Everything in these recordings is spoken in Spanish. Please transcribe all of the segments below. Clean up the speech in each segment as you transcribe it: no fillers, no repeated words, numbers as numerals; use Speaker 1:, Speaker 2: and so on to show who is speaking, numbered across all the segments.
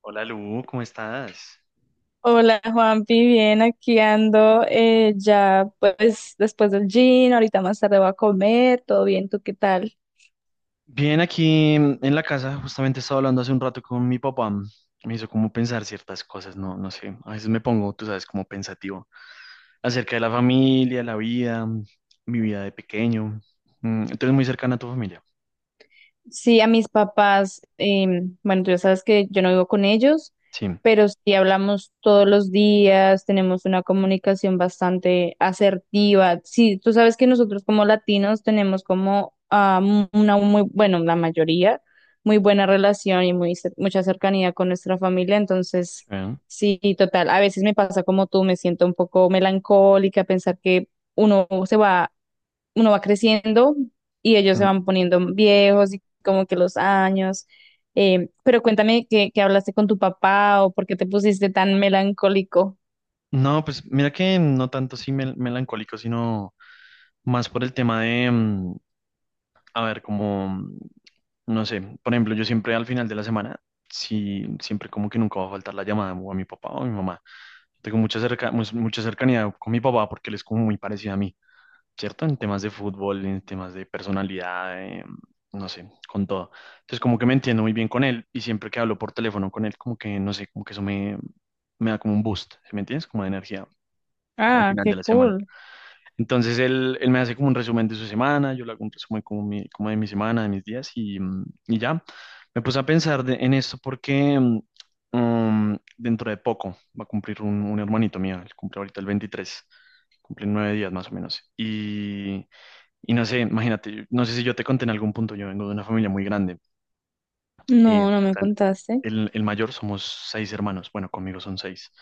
Speaker 1: Hola Lu, ¿cómo estás?
Speaker 2: Hola Juanpi, bien, aquí ando ya pues después del gym, ahorita más tarde voy a comer, todo bien, ¿tú qué tal?
Speaker 1: Bien, aquí en la casa, justamente estaba hablando hace un rato con mi papá. Me hizo como pensar ciertas cosas, no, no sé. A veces me pongo, tú sabes, como pensativo acerca de la familia, la vida, mi vida de pequeño. Entonces, muy cercana a tu familia.
Speaker 2: Sí, a mis papás, bueno, tú ya sabes que yo no vivo con ellos,
Speaker 1: Sí.
Speaker 2: pero sí hablamos todos los días, tenemos una comunicación bastante asertiva. Sí, tú sabes que nosotros como latinos tenemos como una muy, bueno, la mayoría, muy buena relación y muy, mucha cercanía con nuestra familia, entonces
Speaker 1: ¿Eh?
Speaker 2: sí, total, a veces me pasa como tú, me siento un poco melancólica, pensar que uno se va uno va creciendo y ellos se
Speaker 1: Mm.
Speaker 2: van poniendo viejos y como que los años. Pero cuéntame que, hablaste con tu papá o por qué te pusiste tan melancólico.
Speaker 1: No, pues mira que no tanto sí melancólico, sino más por el tema de, a ver, como, no sé, por ejemplo, yo siempre al final de la semana, sí, siempre como que nunca va a faltar la llamada o a mi papá o a mi mamá. Tengo mucha cercanía con mi papá porque él es como muy parecido a mí, ¿cierto? En temas de fútbol, en temas de personalidad, no sé, con todo. Entonces como que me entiendo muy bien con él y siempre que hablo por teléfono con él, como que, no sé, como que eso me da como un boost, ¿sí me entiendes? Como de energía al
Speaker 2: Ah,
Speaker 1: final
Speaker 2: qué
Speaker 1: de la semana.
Speaker 2: cool.
Speaker 1: Entonces él me hace como un resumen de su semana, yo le hago un resumen como, como de mi semana, de mis días y ya. Me puse a pensar en esto porque dentro de poco va a cumplir un hermanito mío, él cumple ahorita el 23, cumple en 9 días más o menos. Y no sé, imagínate, no sé si yo te conté en algún punto, yo vengo de una familia muy grande. Eh,
Speaker 2: No, no me
Speaker 1: tal-
Speaker 2: contaste.
Speaker 1: el mayor somos 6 hermanos, bueno, conmigo son 6.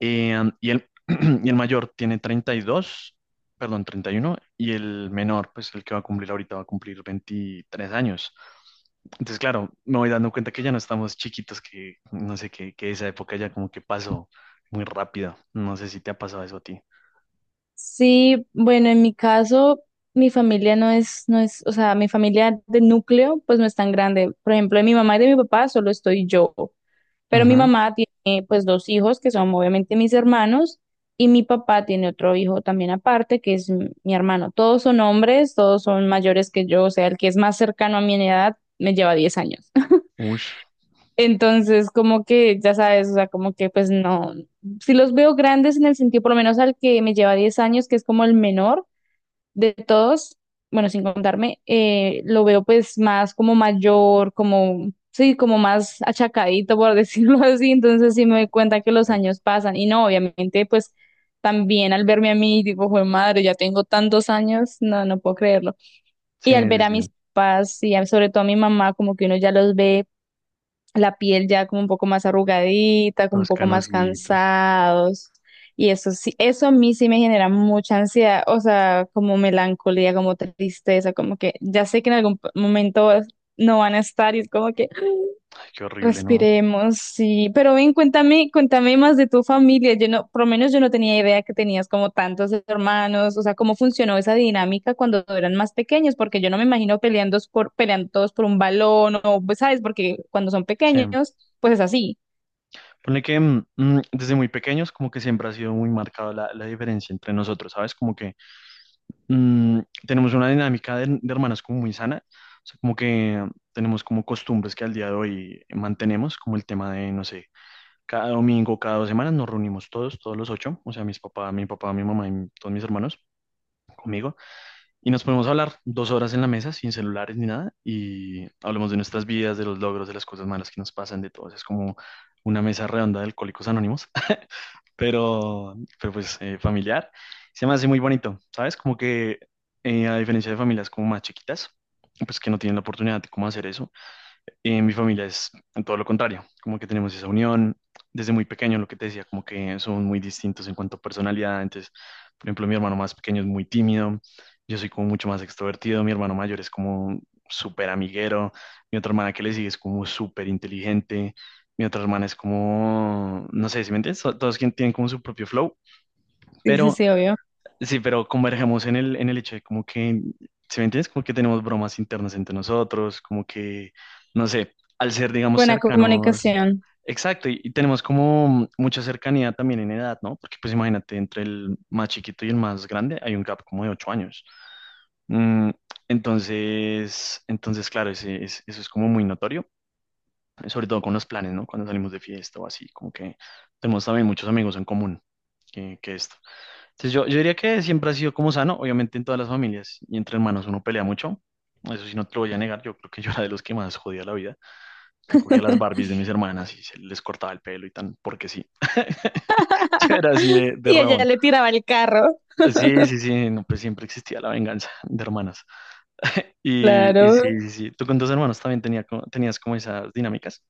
Speaker 1: Eh, y el, y el mayor tiene 32, perdón, 31, y el menor, pues el que va a cumplir ahorita, va a cumplir 23 años. Entonces, claro, me voy dando cuenta que ya no estamos chiquitos, que no sé, que esa época ya como que pasó muy rápido. No sé si te ha pasado eso a ti.
Speaker 2: Sí, bueno, en mi caso, mi familia no es, no es, o sea, mi familia de núcleo, pues no es tan grande. Por ejemplo, de mi mamá y de mi papá solo estoy yo. Pero mi
Speaker 1: Ujú.
Speaker 2: mamá tiene pues dos hijos que son obviamente mis hermanos y mi papá tiene otro hijo también aparte que es mi hermano. Todos son hombres, todos son mayores que yo, o sea, el que es más cercano a mi edad me lleva 10 años.
Speaker 1: Ush,
Speaker 2: Entonces, como que, ya sabes, o sea, como que pues no, si los veo grandes en el sentido, por lo menos al que me lleva 10 años, que es como el menor, de todos, bueno, sin contarme, lo veo pues más como mayor, como, sí, como más achacadito, por decirlo así, entonces sí me doy cuenta que los
Speaker 1: pecadito.
Speaker 2: años pasan y no, obviamente pues también al verme a mí, digo, joder, madre, ya tengo tantos años, no, no puedo creerlo.
Speaker 1: Sí,
Speaker 2: Y al ver
Speaker 1: sí,
Speaker 2: a
Speaker 1: sí.
Speaker 2: mis papás y sobre todo a mi mamá, como que uno ya los ve la piel ya como un poco más arrugadita, como un
Speaker 1: Todos
Speaker 2: poco más
Speaker 1: canositos.
Speaker 2: cansados. Y eso sí, eso a mí sí me genera mucha ansiedad, o sea, como melancolía, como tristeza, como que ya sé que en algún momento no van a estar y es como que
Speaker 1: Ay, qué horrible, ¿no?
Speaker 2: respiremos, sí. Pero ven, cuéntame, cuéntame más de tu familia. Yo no, por lo menos yo no tenía idea que tenías como tantos hermanos. O sea, ¿cómo funcionó esa dinámica cuando eran más pequeños? Porque yo no me imagino peleando por, peleando todos por un balón o, pues, ¿sabes? Porque cuando son
Speaker 1: Sí.
Speaker 2: pequeños, pues es así.
Speaker 1: Pone que desde muy pequeños como que siempre ha sido muy marcada la diferencia entre nosotros, ¿sabes? Como que mm, tenemos una dinámica de hermanas como muy sana, o sea, como que tenemos como costumbres que al día de hoy mantenemos, como el tema de, no sé, cada domingo, cada 2 semanas nos reunimos todos, todos los 8, o sea, mis papás, mi papá, mi mamá y todos mis hermanos conmigo, y nos ponemos a hablar 2 horas en la mesa sin celulares ni nada, y hablamos de nuestras vidas, de los logros, de las cosas malas que nos pasan, de todo, o sea, es como una mesa redonda de Alcohólicos Anónimos, pero pues familiar. Se me hace muy bonito, ¿sabes? Como que a diferencia de familias como más chiquitas, pues que no tienen la oportunidad de cómo hacer eso. Mi familia es en todo lo contrario, como que tenemos esa unión desde muy pequeño, lo que te decía, como que son muy distintos en cuanto a personalidad. Entonces, por ejemplo, mi hermano más pequeño es muy tímido, yo soy como mucho más extrovertido, mi hermano mayor es como súper amiguero, mi otra hermana que le sigue es como súper inteligente, mi otra hermana es como, no sé si me entiendes. Todos tienen como su propio flow,
Speaker 2: Sí, sí,
Speaker 1: pero
Speaker 2: sí, obvio.
Speaker 1: sí, pero convergemos en el hecho de como que, ¿sí me entiendes? Como que tenemos bromas internas entre nosotros, como que, no sé, al ser, digamos,
Speaker 2: Buena
Speaker 1: cercanos.
Speaker 2: comunicación.
Speaker 1: Exacto, y tenemos como mucha cercanía también en edad, ¿no? Porque pues imagínate, entre el más chiquito y el más grande hay un gap como de 8 años. Mm, entonces, claro, eso es como muy notorio, sobre todo con los planes, ¿no? Cuando salimos de fiesta o así, como que tenemos también muchos amigos en común que esto. Entonces yo diría que siempre ha sido como sano. Obviamente en todas las familias y entre hermanos uno pelea mucho, eso sí no te lo voy a negar, yo creo que yo era de los que más jodía la vida, yo cogía las Barbies de mis hermanas y se les cortaba el pelo y tan, porque sí, yo era así de
Speaker 2: Y ella
Speaker 1: rabón.
Speaker 2: le tiraba el carro.
Speaker 1: Sí, sí, sí, no, pues siempre existía la venganza de hermanas. Y sí,
Speaker 2: Claro.
Speaker 1: sí, sí, tú con tus hermanos también tenías como esas dinámicas.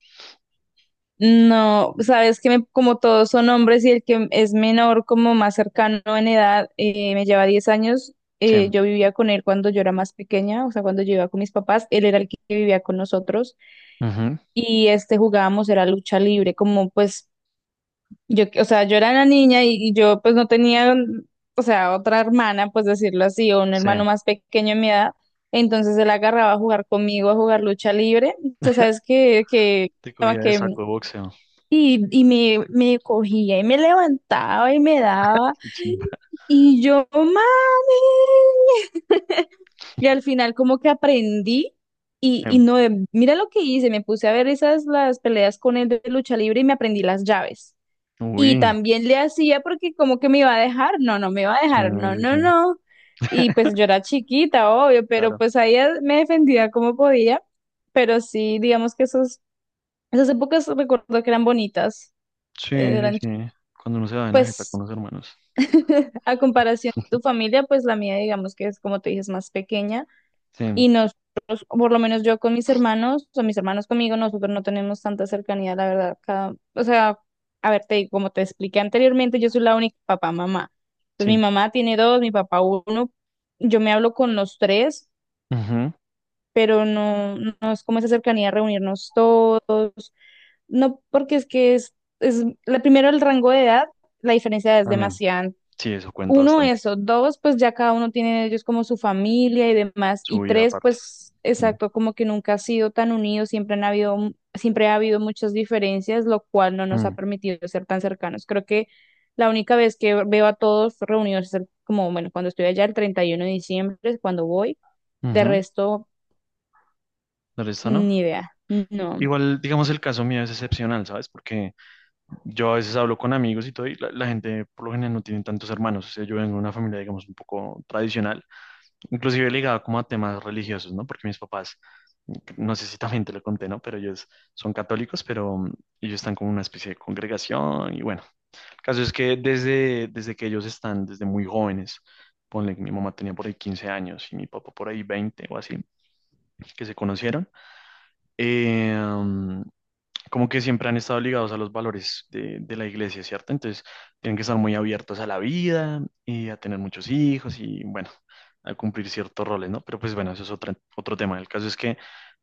Speaker 2: No, sabes que como todos son hombres y el que es menor, como más cercano en edad, me lleva 10 años.
Speaker 1: Sí,
Speaker 2: Yo vivía con él cuando yo era más pequeña, o sea, cuando yo iba con mis papás, él era el que vivía con nosotros
Speaker 1: ujú,
Speaker 2: y este jugábamos, era lucha libre, como pues yo, o sea, yo era la niña y yo pues no tenía, o sea, otra hermana, pues decirlo así, o un
Speaker 1: sí,
Speaker 2: hermano más pequeño en mi edad. Entonces él agarraba a jugar conmigo, a jugar lucha libre. O sea, sabes que,
Speaker 1: te cogía de saco de boxeo.
Speaker 2: y me cogía y me levantaba y me daba.
Speaker 1: Sí, sí.
Speaker 2: Y yo, mami. Y al final como que aprendí y no, mira lo que hice, me puse a ver esas las peleas con él de lucha libre y me aprendí las llaves. Y
Speaker 1: Uy,
Speaker 2: también le hacía porque como que me iba a dejar, no, no me iba a
Speaker 1: sí,
Speaker 2: dejar, no,
Speaker 1: sí,
Speaker 2: no,
Speaker 1: sí.
Speaker 2: no. Y pues yo era chiquita, obvio, pero
Speaker 1: Claro.
Speaker 2: pues ahí me defendía como podía. Pero sí, digamos que esas épocas recuerdo que eran bonitas,
Speaker 1: Sí, sí,
Speaker 2: eran
Speaker 1: sí. Cuando uno se va en la jeta con
Speaker 2: pues
Speaker 1: los hermanos.
Speaker 2: a comparación de tu familia, pues la mía, digamos que es como tú dices, más pequeña
Speaker 1: Sí,
Speaker 2: y nosotros, o por lo menos yo con mis hermanos, o mis hermanos conmigo, nosotros no tenemos tanta cercanía, la verdad. Cada- o sea, a ver, te digo, como te expliqué anteriormente, yo soy la única papá, mamá. Pues mi
Speaker 1: sí.
Speaker 2: mamá tiene dos, mi papá uno. Yo me hablo con los tres,
Speaker 1: Ujú,
Speaker 2: pero no, no es como esa cercanía, reunirnos todos. No, porque es que es la, primero el rango de edad, la diferencia de edad es
Speaker 1: también.
Speaker 2: demasiada.
Speaker 1: Sí, eso cuenta
Speaker 2: Uno,
Speaker 1: bastante.
Speaker 2: eso. Dos, pues ya cada uno tiene de ellos como su familia y demás.
Speaker 1: Su
Speaker 2: Y
Speaker 1: vida
Speaker 2: tres,
Speaker 1: aparte.
Speaker 2: pues
Speaker 1: Ujú,
Speaker 2: exacto, como que nunca ha sido tan unidos, siempre ha habido muchas diferencias, lo cual no nos ha
Speaker 1: ujú,
Speaker 2: permitido ser tan cercanos. Creo que la única vez que veo a todos reunidos es como, bueno, cuando estoy allá el 31 de diciembre, es cuando voy. De
Speaker 1: ujú.
Speaker 2: resto,
Speaker 1: ¿El resto no?
Speaker 2: ni idea. No.
Speaker 1: Igual, digamos, el caso mío es excepcional, ¿sabes? Porque yo a veces hablo con amigos y todo, y la gente por lo general no tiene tantos hermanos. O sea, yo vengo de una familia, digamos, un poco tradicional, inclusive ligada como a temas religiosos, ¿no? Porque mis papás, no sé si también te lo conté, ¿no? Pero ellos son católicos, pero ellos están como en una especie de congregación y bueno. Caso es que desde que ellos están, desde muy jóvenes, ponle que mi mamá tenía por ahí 15 años y mi papá por ahí 20 o así, que se conocieron, eh, como que siempre han estado ligados a los valores de la iglesia, ¿cierto? Entonces, tienen que estar muy abiertos a la vida y a tener muchos hijos y, bueno, a cumplir ciertos roles, ¿no? Pero pues bueno, eso es otro tema. El caso es que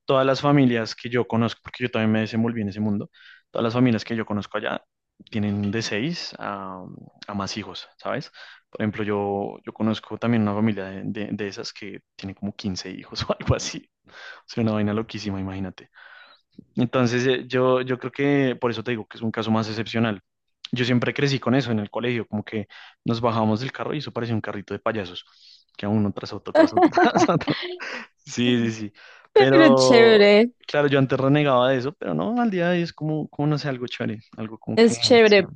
Speaker 1: todas las familias que yo conozco, porque yo también me desenvolví en ese mundo, todas las familias que yo conozco allá tienen de seis a más hijos, ¿sabes? Por ejemplo, yo conozco también una familia de esas que tiene como 15 hijos o algo así. O sea, una vaina loquísima, imagínate. Entonces, yo creo que por eso te digo que es un caso más excepcional. Yo siempre crecí con eso en el colegio, como que nos bajábamos del carro y eso parecía un carrito de payasos, que a uno tras otro, tras otro. Sí, sí, sí.
Speaker 2: Pero
Speaker 1: Pero,
Speaker 2: chévere,
Speaker 1: claro, yo antes renegaba de eso, pero no, al día de hoy es como, como no sé, algo chévere, algo como que
Speaker 2: es
Speaker 1: sí.
Speaker 2: chévere.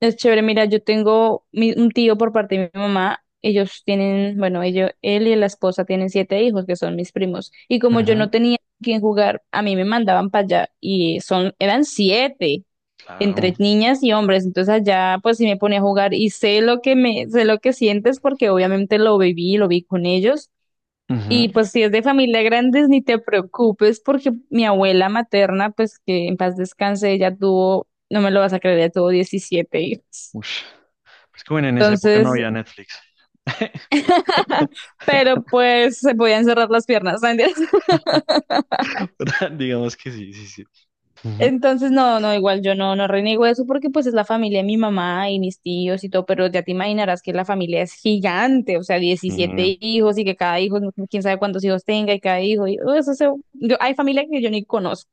Speaker 2: Es chévere, mira, yo tengo un tío por parte de mi mamá. Ellos tienen, bueno, ellos, él y la esposa tienen siete hijos que son mis primos. Y como yo no
Speaker 1: Ujú,
Speaker 2: tenía quien jugar, a mí me mandaban para allá y eran siete entre
Speaker 1: claro.
Speaker 2: niñas y hombres. Entonces allá, pues sí me ponía a jugar y sé lo que sientes porque obviamente lo viví, lo vi con ellos.
Speaker 1: Ujú,
Speaker 2: Y pues si es de familia grandes, ni te preocupes porque mi abuela materna, pues que en paz descanse, ella tuvo, no me lo vas a creer, ella tuvo 17 hijos.
Speaker 1: ush. Es que bueno, en esa época no
Speaker 2: Entonces,
Speaker 1: había Netflix.
Speaker 2: pero pues se podían cerrar las piernas, ¿no? ¿Entiendes?
Speaker 1: Pero digamos que sí, sí, sí. Ujú,
Speaker 2: Entonces, no, no, igual yo no, no reniego eso porque pues es la familia de mi mamá y mis tíos y todo, pero ya te imaginarás que la familia es gigante, o sea,
Speaker 1: sí.
Speaker 2: 17 hijos y que cada hijo, quién sabe cuántos hijos tenga y cada hijo, y oh, eso yo, hay familia que yo ni conozco,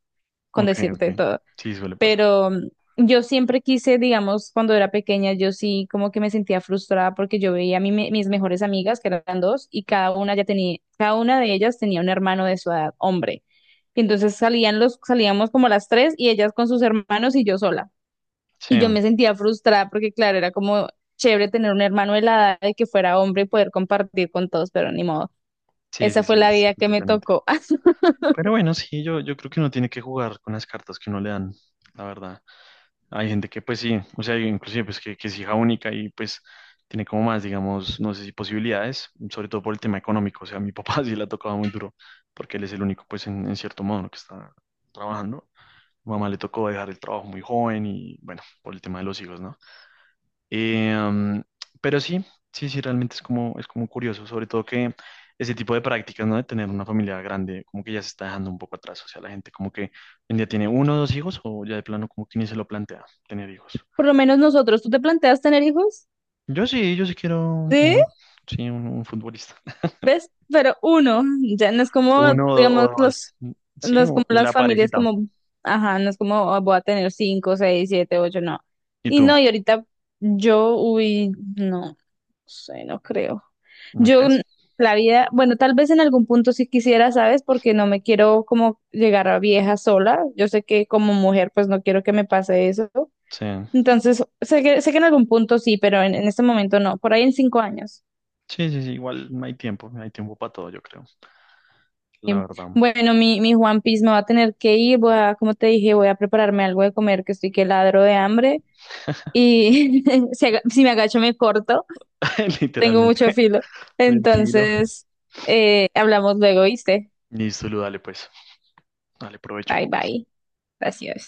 Speaker 2: con
Speaker 1: Ok, ok.
Speaker 2: decirte todo.
Speaker 1: Sí, suele pasar.
Speaker 2: Pero yo siempre quise, digamos, cuando era pequeña, yo sí como que me sentía frustrada porque yo veía a mis mejores amigas, que eran dos, y cada una de ellas tenía un hermano de su edad, hombre. Y entonces salíamos como las tres y ellas con sus hermanos y yo sola.
Speaker 1: Sí.
Speaker 2: Y yo me sentía frustrada porque, claro, era como chévere tener un hermano de la edad de que fuera hombre y poder compartir con todos, pero ni modo.
Speaker 1: Sí, sí,
Speaker 2: Esa fue
Speaker 1: sí,
Speaker 2: la
Speaker 1: es
Speaker 2: vida que me
Speaker 1: diferente.
Speaker 2: tocó.
Speaker 1: Pero bueno, sí, yo creo que uno tiene que jugar con las cartas que uno le dan, la verdad. Hay gente que pues sí, o sea, inclusive pues que es hija única y pues tiene como más, digamos, no sé si posibilidades, sobre todo por el tema económico. O sea, a mi papá sí le ha tocado muy duro, porque él es el único, pues, en, cierto modo, ¿no?, que está trabajando. Mi mamá le tocó dejar el trabajo muy joven y bueno, por el tema de los hijos, ¿no? Eh, um, pero sí, sí, sí, realmente es como curioso, sobre todo que ese tipo de prácticas, ¿no? De tener una familia grande, como que ya se está dejando un poco atrás, o sea, la gente como que hoy en día tiene uno o dos hijos o ya de plano como que ni se lo plantea tener hijos.
Speaker 2: Por lo menos nosotros, ¿tú te planteas tener hijos?
Speaker 1: Yo sí, yo sí quiero
Speaker 2: Sí.
Speaker 1: uno, sí, un futbolista.
Speaker 2: ¿Ves? Pero uno, ya no es como,
Speaker 1: Uno
Speaker 2: digamos,
Speaker 1: o
Speaker 2: los,
Speaker 1: dos,
Speaker 2: no
Speaker 1: sí,
Speaker 2: es como
Speaker 1: la
Speaker 2: las familias
Speaker 1: parejita.
Speaker 2: como, ajá, no es como "Ah, voy a tener cinco, seis, siete, ocho, no.
Speaker 1: ¿Y
Speaker 2: Y
Speaker 1: tú?
Speaker 2: no, y ahorita yo, uy, no, no sé, no creo.
Speaker 1: ¿Me
Speaker 2: Yo,
Speaker 1: crees?
Speaker 2: la vida, bueno, tal vez en algún punto sí quisiera, ¿sabes? Porque no me quiero como llegar a vieja sola. Yo sé que como mujer, pues no quiero que me pase eso.
Speaker 1: Sí.
Speaker 2: Entonces, sé que en algún punto sí, pero en este momento no, por ahí en 5 años.
Speaker 1: Sí, sí, sí, igual no hay tiempo, no hay tiempo para todo, yo creo, la verdad.
Speaker 2: Bueno, mi Juan Piece me va a tener que ir, voy a, como te dije, voy a prepararme algo de comer, que estoy que ladro de hambre y si me agacho me corto, tengo
Speaker 1: Literalmente,
Speaker 2: mucho filo.
Speaker 1: pues filo.
Speaker 2: Entonces, hablamos luego, ¿viste?
Speaker 1: Listo, Lu, dale pues, dale provecho.
Speaker 2: Bye bye, gracias.